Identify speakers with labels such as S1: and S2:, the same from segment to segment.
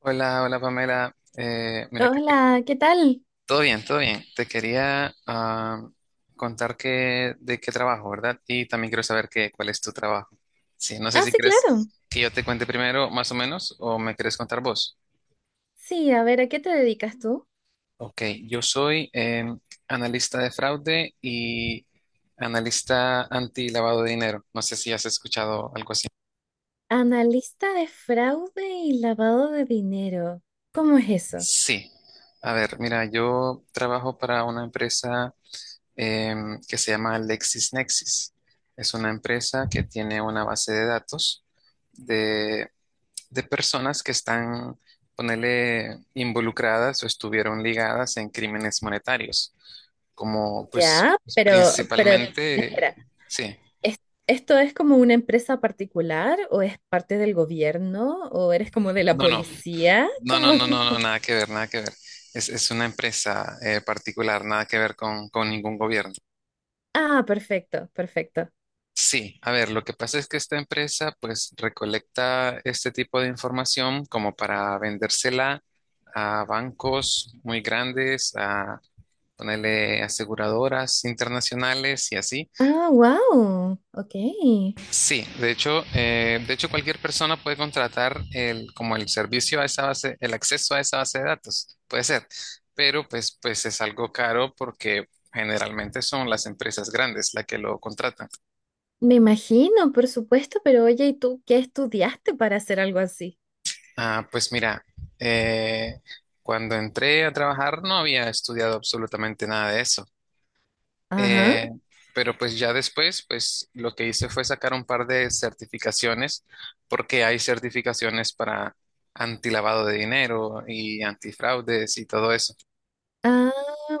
S1: Hola, hola Pamela. Mira, que te-
S2: Hola, ¿qué tal?
S1: todo bien, todo bien. Te quería contar de qué trabajo, ¿verdad? Y también quiero saber cuál es tu trabajo. Sí, no sé
S2: Ah,
S1: si
S2: sí,
S1: crees
S2: claro.
S1: que yo te cuente primero, más o menos, o me quieres contar vos.
S2: Sí, a ver, ¿a qué te dedicas tú?
S1: Ok, yo soy analista de fraude y analista anti-lavado de dinero. No sé si has escuchado algo así.
S2: Analista de fraude y lavado de dinero. ¿Cómo es eso?
S1: Sí. A ver, mira, yo trabajo para una empresa. Que se llama LexisNexis. Es una empresa que tiene una base de datos de, de personas que están, ponele, involucradas o estuvieron ligadas en crímenes monetarios, como pues
S2: Ya,
S1: pues,
S2: pero, espera,
S1: principalmente, sí,
S2: ¿es- ¿esto es como una empresa particular o es parte del gobierno o eres como de la
S1: no, no,
S2: policía?
S1: no, no,
S2: ¿Cómo?
S1: no, no, no, nada que ver, nada que ver. Es una empresa particular, nada que ver con ningún gobierno.
S2: Ah, perfecto, perfecto.
S1: Sí, a ver, lo que pasa es que esta empresa pues recolecta este tipo de información como para vendérsela a bancos muy grandes, a ponerle aseguradoras internacionales y así.
S2: Ah, wow, ok.
S1: Sí, de hecho cualquier persona puede contratar como el servicio a esa base, el acceso a esa base de datos, puede ser, pero pues es algo caro porque generalmente son las empresas grandes las que lo contratan.
S2: Me imagino, por supuesto, pero oye, ¿y tú qué estudiaste para hacer algo así?
S1: Ah, pues mira, eh, cuando entré a trabajar no había estudiado absolutamente nada de eso.
S2: Ajá.
S1: Eh, pero pues ya después, pues lo que hice fue sacar un par de certificaciones, porque hay certificaciones para antilavado de dinero y antifraudes y todo eso.
S2: Ah,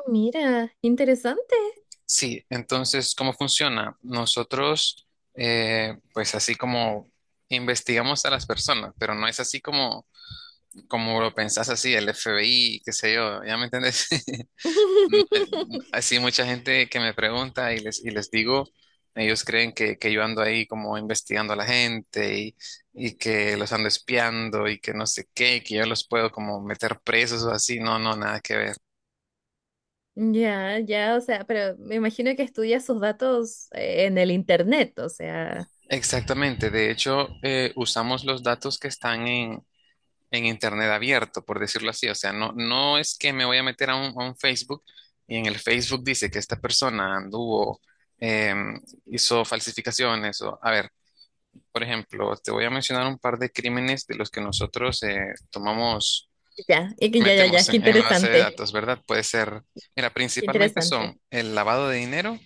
S2: mira, interesante.
S1: Sí, entonces, ¿cómo funciona? Nosotros, pues así como investigamos a las personas, pero no es así como, como lo pensás así, el FBI, qué sé yo, ¿ya me entendés? Eh, así mucha gente que me pregunta y y les digo, ellos creen que yo ando ahí como investigando a la gente, y que los ando espiando y que no sé qué, y que yo los puedo como meter presos o así. No, no, nada que ver.
S2: Ya, ya, o sea, pero me imagino que estudia sus datos en el internet, o sea,
S1: Exactamente. De hecho, usamos los datos que están en Internet abierto, por decirlo así. O sea, no, no es que me voy a meter a a un Facebook y en el Facebook dice que esta persona anduvo, em, hizo falsificaciones o, a ver. Por ejemplo, te voy a mencionar un par de crímenes de los que nosotros tomamos,
S2: ya, y que ya, ya,
S1: metemos
S2: ya, qué
S1: en la base de
S2: interesante,
S1: datos, ¿verdad? Puede ser, mira,
S2: qué
S1: principalmente
S2: interesante.
S1: son el lavado de dinero,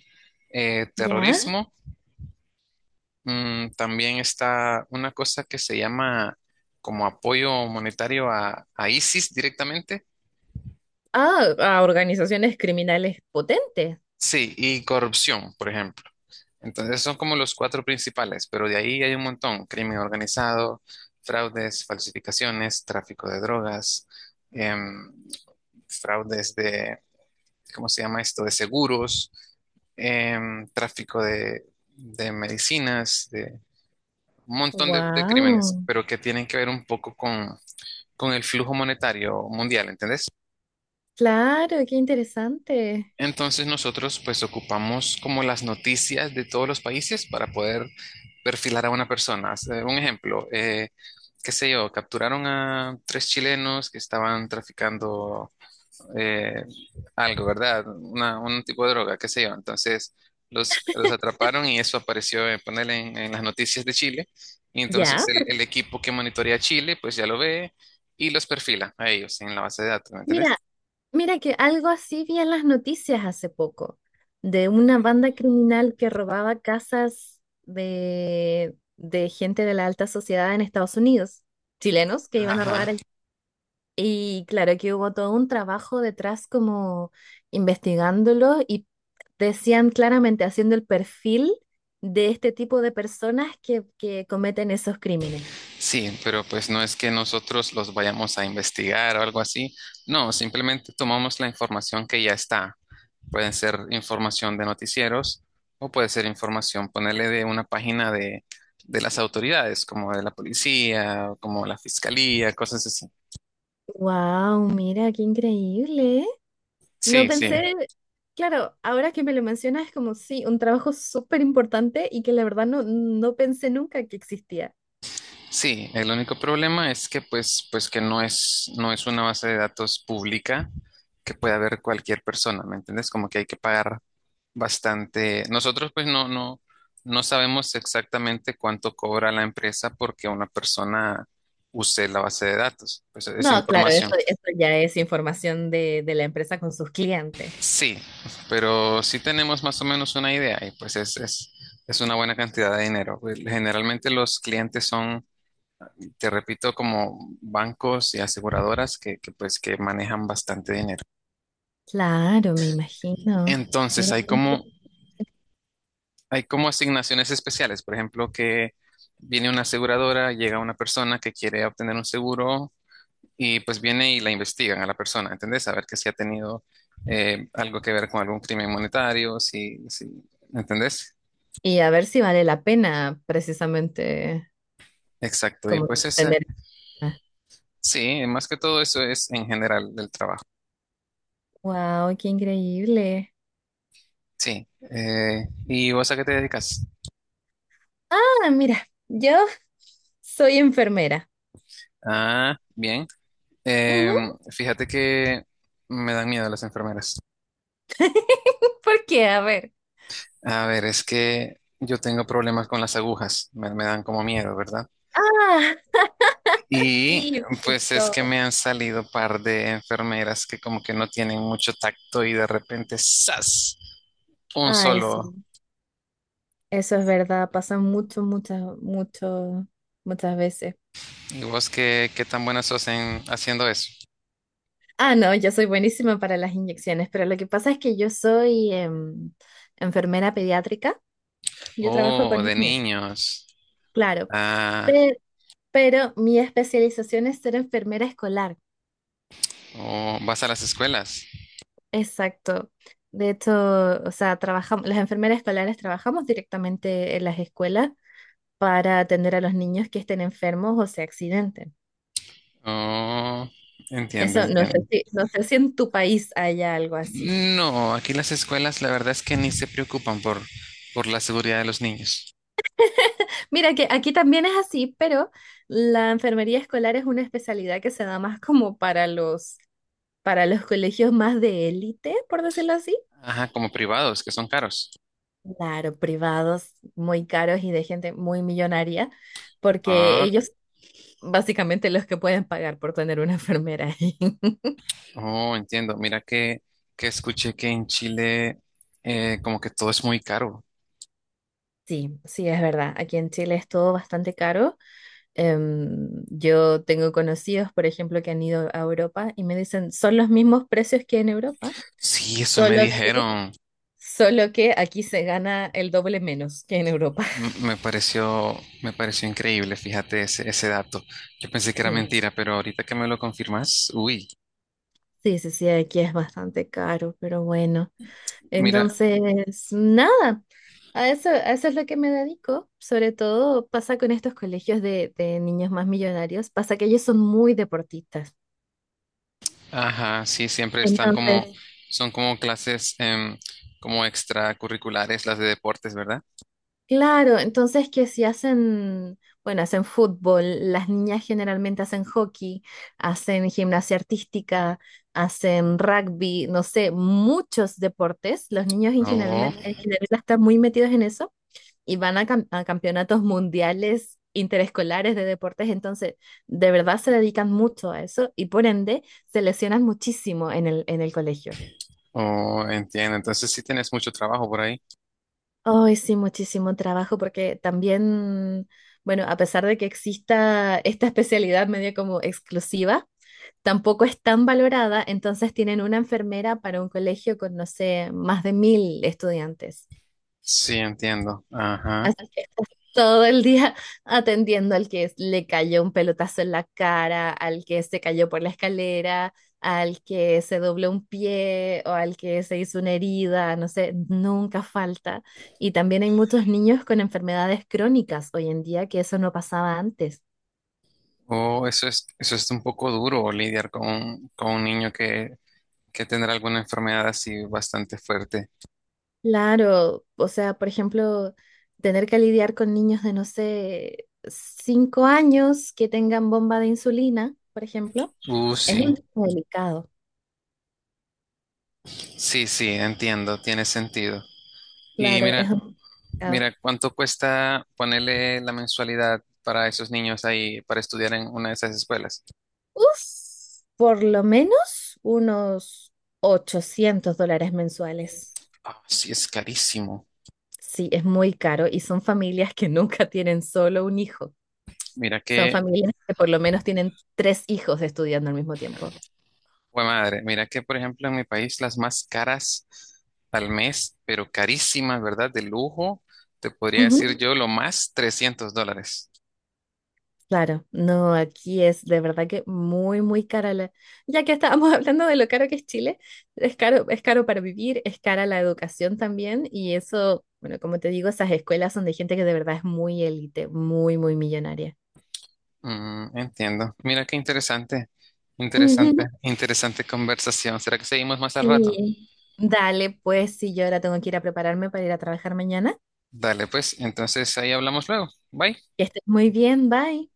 S2: ¿Ya?
S1: terrorismo, también está una cosa que se llama como apoyo monetario a ISIS directamente.
S2: Ah, a organizaciones criminales potentes.
S1: Sí, y corrupción, por ejemplo. Entonces son como los cuatro principales, pero de ahí hay un montón. Crimen organizado, fraudes, falsificaciones, tráfico de drogas, em, fraudes de, ¿cómo se llama esto? De seguros, tráfico de medicinas, de un montón de crímenes,
S2: Wow,
S1: pero que tienen que ver un poco con el flujo monetario mundial, ¿entendés?
S2: claro, qué interesante.
S1: Entonces nosotros pues ocupamos como las noticias de todos los países para poder perfilar a una persona. O sea, un ejemplo, qué sé yo, capturaron a tres chilenos que estaban traficando eh, algo, ¿verdad? Una- un tipo de droga, qué sé yo. Entonces los atraparon y eso apareció en ponerle en las noticias de Chile. Y entonces
S2: Ya, pero
S1: el equipo que monitorea Chile pues ya lo ve y los perfila a ellos en la base de datos, ¿me entendés?
S2: mira, Mira, que algo así vi en las noticias hace poco, de una banda criminal que robaba casas de gente de la alta sociedad en Estados Unidos, chilenos que
S1: Ajá,
S2: iban a
S1: ajá.
S2: robar ahí. Y claro que hubo todo un trabajo detrás como investigándolo y decían claramente haciendo el perfil de este tipo de personas que cometen esos crímenes.
S1: Sí, pero pues no es que nosotros los vayamos a investigar o algo así. No, simplemente tomamos la información que ya está. Pueden ser información de noticieros o puede ser información, ponerle de una página de las autoridades, como de la policía, como la fiscalía, cosas así.
S2: Wow, mira qué increíble. No
S1: Sí, sí.
S2: pensé, claro, ahora que me lo mencionas es como, sí, un trabajo súper importante y que la verdad no, no pensé nunca que existía.
S1: Sí, el único problema es que pues, pues que no es, no es una base de datos pública que pueda ver cualquier persona, ¿me entiendes? Como que hay que pagar bastante. Nosotros pues no, no, no sabemos exactamente cuánto cobra la empresa porque una persona use la base de datos, pues esa
S2: No, claro,
S1: información.
S2: eso,
S1: Claro.
S2: eso ya es información de la empresa con sus clientes.
S1: Sí, pero sí tenemos más o menos una idea y pues es una buena cantidad de dinero. Pues, generalmente los clientes son, te repito, como bancos y aseguradoras que pues que manejan bastante dinero.
S2: Claro, me imagino.
S1: Entonces
S2: Mira
S1: hay
S2: qué
S1: como
S2: interesante.
S1: hay como asignaciones especiales, por ejemplo, que viene una aseguradora, llega una persona que quiere obtener un seguro y pues viene y la investigan a la persona, ¿entendés? A ver que si ha tenido algo que ver con algún crimen monetario, si, ¿entendés?
S2: Y a ver si vale la pena precisamente
S1: Exacto, y
S2: como
S1: pues ese,
S2: tener.
S1: sí, más que todo eso es en general del trabajo.
S2: Wow, qué increíble.
S1: Sí, ¿y vos a qué te dedicas?
S2: Ah, mira, yo soy enfermera.
S1: Ah, bien.
S2: Ujú.
S1: Fíjate que me dan miedo las enfermeras.
S2: ¿Por qué? A ver.
S1: A ver, es que yo tengo problemas con las agujas, me dan como miedo, ¿verdad?
S2: Ah,
S1: Y pues es que
S2: típico.
S1: me han salido par de enfermeras que como que no tienen mucho tacto y de repente ¡zas! Un
S2: Ay, sí,
S1: solo.
S2: eso es verdad, pasa mucho, muchas veces.
S1: ¿Y vos qué, qué tan buenas sos en haciendo eso?
S2: Ah, no, yo soy buenísima para las inyecciones, pero lo que pasa es que yo soy enfermera pediátrica, yo trabajo
S1: Oh,
S2: con
S1: de
S2: niños,
S1: niños.
S2: claro,
S1: Ah,
S2: pe- pero mi especialización es ser enfermera escolar,
S1: oh, vas a las escuelas.
S2: exacto. De hecho, o sea, trabajamos, las enfermeras escolares trabajamos directamente en las escuelas para atender a los niños que estén enfermos o se accidenten.
S1: Oh, entiendo,
S2: Eso no sé
S1: entiendo.
S2: si, no sé si en tu país haya algo así.
S1: No, aquí las escuelas la verdad es que ni se preocupan por la seguridad de los niños.
S2: Mira que aquí también es así, pero la enfermería escolar es una especialidad que se da más como para los, colegios más de élite, por decirlo así.
S1: Ajá, como privados, que son caros.
S2: Claro, privados muy caros y de gente muy millonaria, porque
S1: Ah,
S2: ellos básicamente los que pueden pagar por tener una enfermera ahí.
S1: sí. Oh, entiendo. Mira que escuché que en Chile como que todo es muy caro.
S2: Sí, sí, es verdad. Aquí en Chile es todo bastante caro. Yo tengo conocidos, por ejemplo, que han ido a Europa y me dicen, son los mismos precios que en Europa,
S1: Sí, eso me sí,
S2: solo que,
S1: dijeron.
S2: solo que aquí se gana el doble menos que en Europa.
S1: M- me pareció increíble, fíjate ese, ese dato. Yo pensé que era sí,
S2: Sí,
S1: mentira, pero ahorita que me lo confirmas, uy,
S2: sí, sí, sí, aquí es bastante caro, pero bueno.
S1: mira,
S2: Entonces, nada, a eso es lo que me dedico. Sobre todo pasa con estos colegios de niños más millonarios, pasa que ellos son muy deportistas.
S1: ajá, sí, siempre están como, sí,
S2: Entonces,
S1: son como clases como extracurriculares, las de deportes, ¿verdad?
S2: claro, entonces que si hacen, bueno, hacen fútbol, las niñas generalmente hacen hockey, hacen gimnasia artística, hacen rugby, no sé, muchos deportes. Los niños en general están muy metidos en eso y van a, a campeonatos mundiales interescolares de deportes, entonces de verdad se dedican mucho a eso y por ende se lesionan muchísimo en el colegio.
S1: Oh, oh, entiendo. Entonces sí tienes mucho trabajo por ahí.
S2: Ay, sí, muchísimo trabajo porque también, bueno, a pesar de que exista esta especialidad media como exclusiva, tampoco es tan valorada, entonces tienen una enfermera para un colegio con, no sé, más de 1.000 estudiantes.
S1: Sí, entiendo. Ajá.
S2: Así que estás todo el día atendiendo al que le cayó un pelotazo en la cara, al que se cayó por la escalera, al que se dobló un pie o al que se hizo una herida, no sé, nunca falta. Y también hay muchos niños con enfermedades crónicas hoy en día que eso no pasaba antes.
S1: Oh, eso es un poco duro, lidiar con un niño que tendrá alguna enfermedad así bastante fuerte.
S2: Claro, o sea, por ejemplo, tener que lidiar con niños de, no sé, 5 años que tengan bomba de insulina, por ejemplo, es
S1: Sí.
S2: un tema delicado.
S1: Sí, sí, entiendo, tiene sentido. Y
S2: Claro, es.
S1: mira,
S2: Ah,
S1: mira, ¿cuánto cuesta ponerle la mensualidad para esos niños ahí para estudiar en una de esas escuelas?
S2: uf, por lo menos unos $800 mensuales.
S1: Ah, sí, es carísimo.
S2: Sí, es muy caro y son familias que nunca tienen solo un hijo.
S1: Mira
S2: Son
S1: que
S2: familias que por lo menos tienen tres hijos estudiando al mismo tiempo.
S1: pues madre, mira que por ejemplo en mi país las más caras al mes, pero carísimas, ¿verdad? De lujo, te podría
S2: Ujú.
S1: decir yo lo más $300.
S2: Claro, no, aquí es de verdad que muy, muy cara la... Ya que estábamos hablando de lo caro que es Chile, es caro para vivir, es cara la educación también y eso, bueno, como te digo, esas escuelas son de gente que de verdad es muy élite, muy, muy millonaria.
S1: Mm, entiendo. Mira qué interesante, interesante, ujú. Interesante conversación. ¿Será que seguimos más al rato?
S2: Sí. Dale, pues sí, yo ahora tengo que ir a prepararme para ir a trabajar mañana.
S1: Dale, pues, entonces ahí hablamos luego. Bye.
S2: Que estés muy bien, bye.